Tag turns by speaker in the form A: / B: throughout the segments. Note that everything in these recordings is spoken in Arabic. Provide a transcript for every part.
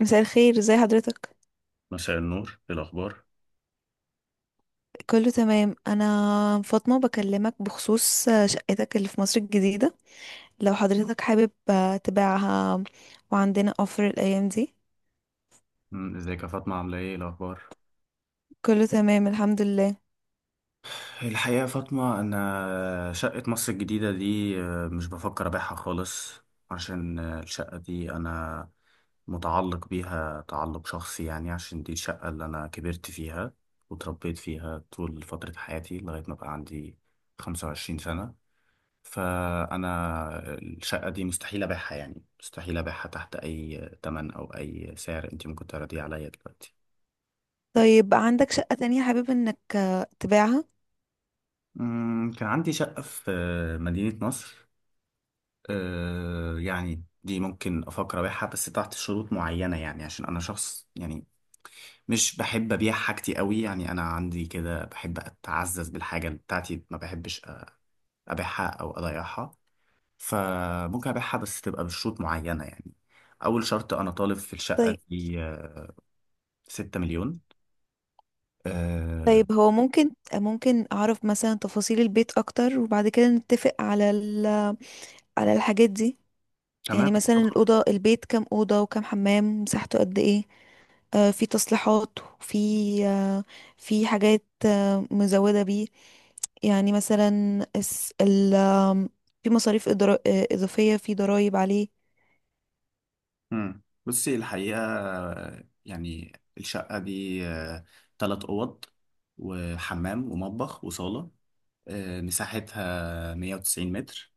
A: مساء الخير. ازي حضرتك؟
B: مساء النور. ايه الاخبار؟
A: كله تمام. انا فاطمة بكلمك بخصوص شقتك اللي في مصر الجديدة، لو حضرتك حابب تبيعها، وعندنا اوفر الايام دي.
B: ازيك يا فاطمة، عاملة ايه؟ إيه الأخبار؟
A: كله تمام، الحمد لله.
B: الحقيقة يا فاطمة، أنا شقة مصر الجديدة دي مش بفكر أبيعها خالص. عشان الشقة دي أنا متعلق بيها تعلق شخصي، يعني عشان دي الشقة اللي أنا كبرت فيها وتربيت فيها طول فترة حياتي لغاية ما بقى عندي 25 سنة. فأنا الشقة دي مستحيل أبيعها، يعني مستحيل أبيعها تحت أي تمن أو أي سعر أنت ممكن تعرضيه عليا دلوقتي.
A: طيب، عندك شقة تانية حابب انك تبيعها؟
B: كان عندي شقة في مدينة نصر. يعني دي ممكن أفكر أبيعها بس تحت شروط معينة، يعني عشان أنا شخص يعني مش بحب أبيع حاجتي قوي، يعني أنا عندي كده بحب أتعزز بالحاجة بتاعتي، ما بحبش أبيعها أو أضيعها. فممكن أبيعها بس تبقى بشروط معينة، يعني أول شرط أنا طالب في الشقة
A: طيب.
B: دي 6 مليون. أه،
A: طيب، هو ممكن اعرف مثلا تفاصيل البيت اكتر، وبعد كده نتفق على على الحاجات دي.
B: تمام.
A: يعني مثلا البيت كام أوضة وكام حمام، مساحته قد ايه؟ في تصليحات، وفي آه في حاجات مزودة بيه. يعني مثلا الس- ال آم، في مصاريف إضافية، في ضرائب عليه؟
B: بصي، الحقيقة يعني الشقة دي تلات أوض وحمام ومطبخ وصالة. مساحتها 190 متر.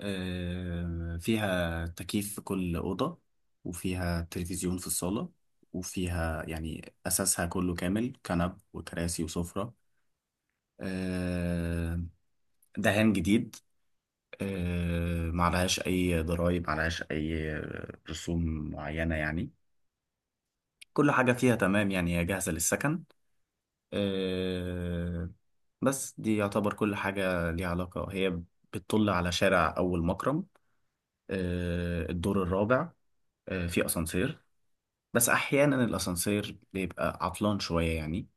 B: فيها تكييف في كل أوضة، وفيها تلفزيون في الصالة. وفيها يعني أساسها كله كامل، كنب وكراسي وسفرة. آه، دهان جديد. معلهاش أي ضرايب، معلهاش أي رسوم معينة يعني. كل حاجة فيها تمام، يعني هي جاهزة للسكن. آه، بس دي يعتبر كل حاجة ليها علاقة. هي بتطل على شارع أول مكرم. الدور الرابع. في أسانسير، بس أحيانا الأسانسير بيبقى عطلان شوية، يعني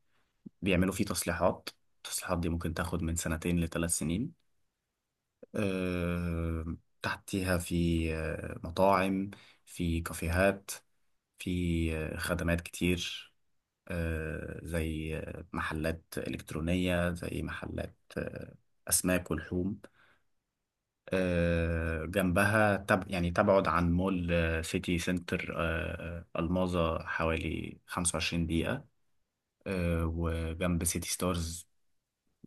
B: بيعملوا فيه تصليحات. التصليحات دي ممكن تاخد من سنتين لثلاث سنين. آه، تحتيها في مطاعم، في كافيهات، في خدمات كتير. زي محلات إلكترونية، زي محلات أسماك ولحوم. جنبها يعني تبعد عن مول سيتي سنتر الماظة حوالي 25 دقيقة. وجنب سيتي ستارز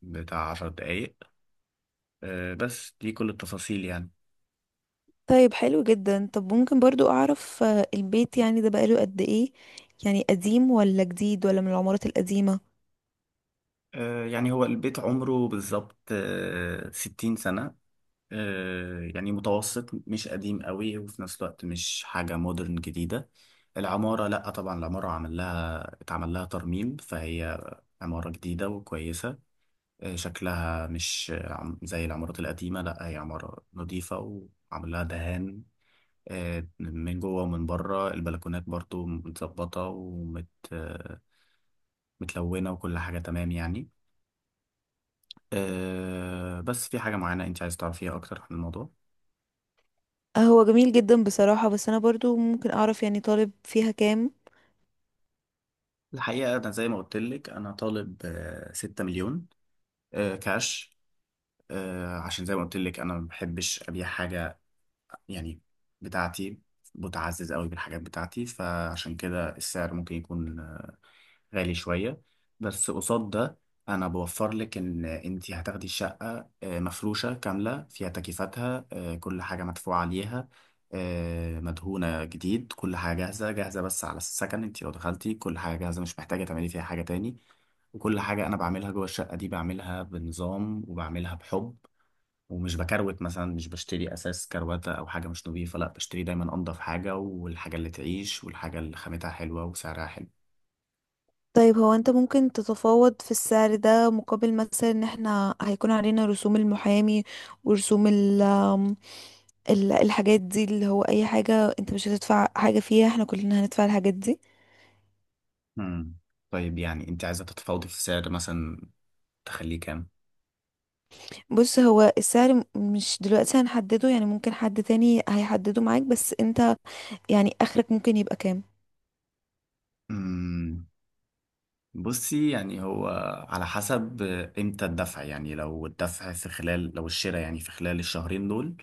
B: بتاع 10 دقايق. بس دي كل التفاصيل يعني.
A: طيب، حلو جدا. طب ممكن برضو أعرف البيت يعني ده بقاله قد إيه؟ يعني قديم ولا جديد، ولا من العمارات القديمة؟
B: يعني هو البيت عمره بالظبط 60 سنة. يعني متوسط مش قديم قوي، وفي نفس الوقت مش حاجة مودرن جديدة. العمارة لأ طبعا، العمارة عمل لها اتعمل لها ترميم فهي عمارة جديدة وكويسة. شكلها مش زي العمارات القديمة. لأ هي عمارة نظيفة، وعمل لها دهان من جوه ومن بره. البلكونات برضو متظبطة، آه، متلونة، وكل حاجة تمام يعني. بس في حاجة معينة أنت عايز تعرفيها أكتر عن الموضوع؟
A: هو جميل جدا بصراحة، بس أنا برضو ممكن أعرف يعني طالب فيها كام؟
B: الحقيقة أنا زي ما قلت لك، أنا طالب 6 مليون كاش، عشان زي ما قلت لك أنا ما بحبش أبيع حاجة يعني بتاعتي، بتعزز قوي بالحاجات بتاعتي، فعشان كده السعر ممكن يكون غالي شوية. بس قصاد ده، أنا بوفر لك إن أنت هتاخدي الشقة مفروشة كاملة، فيها تكييفاتها، كل حاجة مدفوعة عليها. مدهونة جديد، كل حاجة جاهزة جاهزة بس على السكن. أنت لو دخلتي، كل حاجة جاهزة، مش محتاجة تعملي فيها حاجة تاني. وكل حاجة أنا بعملها جوه الشقة دي بعملها بنظام وبعملها بحب، ومش بكروت مثلا. مش بشتري أساس كروتة أو حاجة مش نظيفة، لأ بشتري دايما أنضف حاجة، والحاجة اللي تعيش، والحاجة اللي خامتها حلوة وسعرها حلو.
A: طيب، هو انت ممكن تتفاوض في السعر ده مقابل مثلا ان احنا هيكون علينا رسوم المحامي، ورسوم الحاجات دي، اللي هو اي حاجة انت مش هتدفع حاجة فيها، احنا كلنا هندفع الحاجات دي.
B: مم. طيب، يعني انت عايزة تتفاوضي في السعر مثلا؟ تخليه كام؟
A: بص، هو السعر مش دلوقتي هنحدده، يعني ممكن حد تاني هيحدده معاك، بس انت يعني اخرك ممكن يبقى كام؟
B: مم. بصي، يعني هو على حسب امتى الدفع، يعني لو الشراء يعني في خلال الشهرين دول،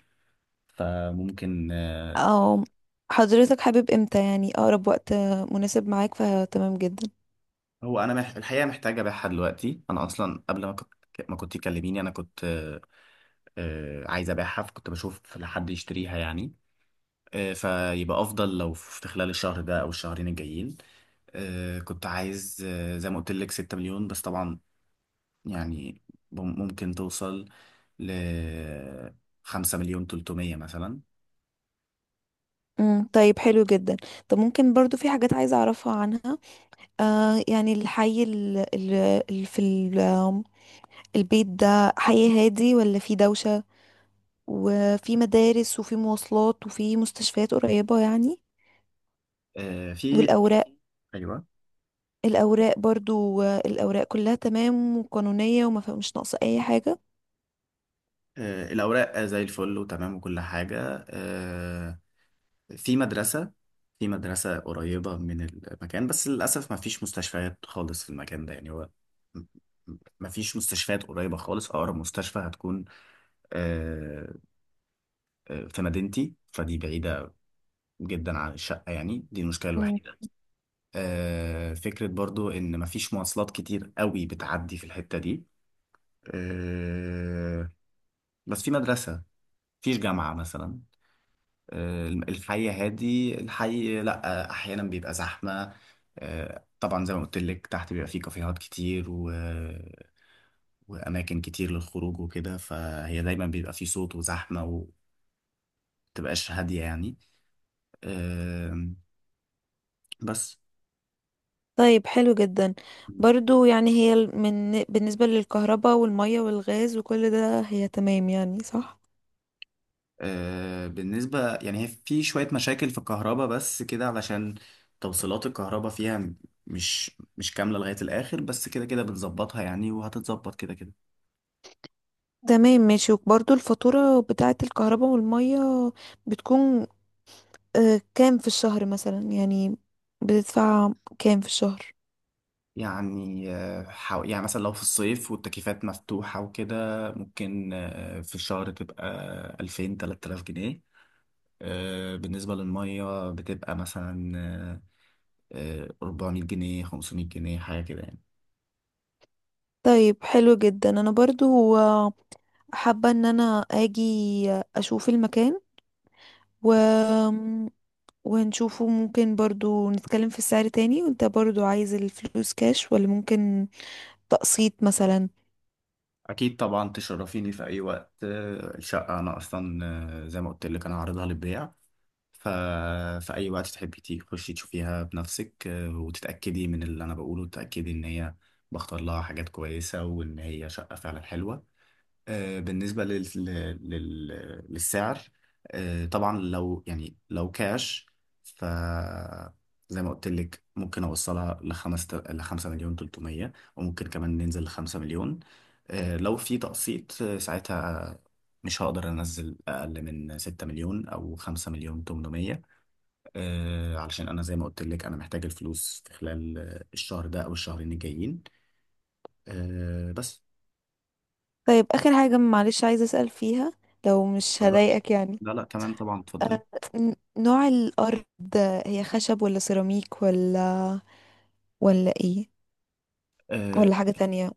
B: فممكن
A: او حضرتك حابب امتى؟ يعني اقرب وقت مناسب معاك فتمام جدا.
B: هو انا الحقيقة محتاجة ابيعها دلوقتي. انا اصلا قبل ما كنت تكلميني انا كنت عايز ابيعها، فكنت بشوف لحد يشتريها يعني. فيبقى افضل لو في خلال الشهر ده او الشهرين الجايين. كنت عايز زي ما قلت لك 6 مليون، بس طبعا يعني ممكن توصل ل 5 مليون 300 مثلا.
A: طيب، حلو جدا. طب ممكن برضو في حاجات عايزة اعرفها عنها. يعني الحي ال- ال- ال- في ال- آم، البيت ده حي هادي ولا في دوشة؟ وفي مدارس وفي مواصلات وفي مستشفيات قريبة يعني؟
B: في.
A: والأوراق؟
B: ايوه.
A: الأوراق برضو، الأوراق كلها تمام وقانونية وما فيها، مش ناقصة أي حاجة؟
B: الاوراق زي الفل وتمام وكل حاجه. في مدرسه في مدرسه قريبه من المكان، بس للاسف ما فيش مستشفيات خالص في المكان ده يعني. هو م- ما فيش مستشفيات قريبه خالص. اقرب مستشفى هتكون آه، في مدينتي، فدي بعيده جدا عن الشقة. يعني دي المشكلة
A: مم.
B: الوحيدة. فكرة برضو إن مفيش مواصلات كتير قوي بتعدي في الحتة دي. آه، بس في مدرسة، مفيش جامعة مثلا. الحي لأ، أحيانا بيبقى زحمة. طبعا، زي ما قلت لك تحت بيبقى فيه كافيهات كتير وأماكن كتير للخروج وكده، فهي دايما بيبقى فيه صوت وزحمة، ومتبقاش هادية يعني. آه، بس.
A: طيب، حلو جدا. برضو يعني هي ال- من بالنسبة للكهرباء والمية والغاز وكل ده، هي تمام يعني، صح؟
B: بالنسبة، يعني هي في شوية مشاكل في الكهرباء بس كده، علشان توصيلات الكهرباء فيها مش مش كاملة لغاية الآخر، بس كده كده بنظبطها يعني، وهتتظبط كده كده.
A: تمام، ماشي. وبرضو الفاتورة بتاعة الكهرباء والمية بتكون كام في الشهر مثلا؟ يعني بتدفع كام في الشهر؟
B: يعني يعني مثلا لو في الصيف والتكييفات مفتوحة وكده، ممكن في الشهر تبقى 2000 3000 جنيه. بالنسبة للمية بتبقى مثلا 400 جنيه، 500 جنيه، حاجة كده يعني.
A: طيب، حلو جدا. انا برضو حابة ان انا اجي اشوف المكان و... ونشوفه. ممكن برضو نتكلم في السعر تاني. وانت برضو عايز الفلوس كاش ولا ممكن تقسيط مثلا؟
B: اكيد طبعا، تشرفيني في اي وقت. الشقه انا اصلا زي ما قلت لك انا عارضها للبيع، ف في اي وقت تحبي تخشي تشوفيها بنفسك، وتتاكدي من اللي انا بقوله، وتتاكدي ان هي بختار لها حاجات كويسه، وان هي شقه فعلا حلوه. بالنسبة للسعر، طبعا لو لو كاش، ف زي ما قلت لك، ممكن اوصلها لخمسة مليون تلتمية، وممكن كمان ننزل لخمسة مليون. لو في تقسيط، ساعتها مش هقدر انزل اقل من 6 مليون او 5 مليون 800. علشان انا زي ما قلت لك، انا محتاج الفلوس في خلال الشهر ده او الشهرين الجايين. بس.
A: طيب، اخر حاجة معلش عايزة اسأل فيها، لو مش
B: اتفضلي.
A: هضايقك يعني.
B: لا لا، تمام طبعا، اتفضلي.
A: نوع الارض، هي خشب ولا سيراميك، ولا ايه؟
B: آه،
A: ولا حاجة تانية؟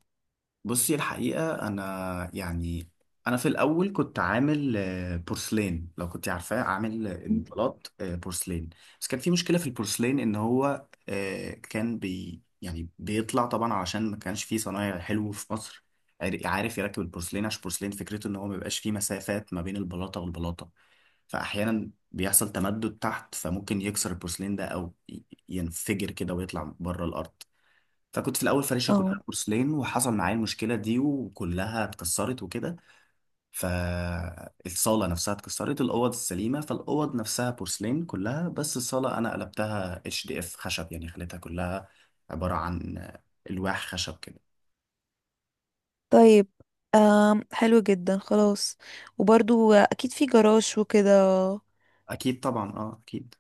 B: بصي، الحقيقة أنا يعني أنا في الأول كنت عامل بورسلين، لو كنت عارفاه، عامل البلاط بورسلين. بس كان في مشكلة في البورسلين إن هو كان بي يعني بيطلع طبعا، علشان ما كانش فيه صنايع حلو في مصر عارف يركب البورسلين. عشان البورسلين فكرته إن هو ما بيبقاش فيه مسافات ما بين البلاطة والبلاطة، فأحيانا بيحصل تمدد تحت، فممكن يكسر البورسلين ده أو ينفجر كده ويطلع بره الأرض. فكنت في الاول فارشها
A: اه.
B: كلها بورسلين، وحصل معايا المشكله دي، وكلها اتكسرت وكده. فالصاله نفسها اتكسرت، الاوض السليمه، فالاوض نفسها بورسلين كلها، بس الصاله انا قلبتها HDF خشب، يعني خليتها كلها عباره عن الواح خشب كده.
A: طيب، حلو جدا، خلاص. وبرضو اكيد في جراج وكده؟
B: اكيد طبعا، اه اكيد.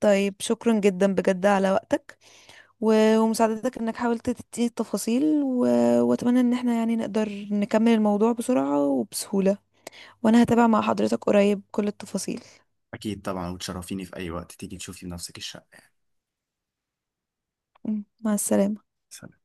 A: طيب، شكرا جدا بجد على وقتك ومساعدتك، انك حاولت تديني التفاصيل واتمنى ان احنا يعني نقدر نكمل الموضوع بسرعة وبسهولة. وانا هتابع مع حضرتك قريب كل التفاصيل.
B: اكيد طبعا، وتشرفيني في اي وقت تيجي تشوفي بنفسك الشقه
A: مع السلامة.
B: يعني.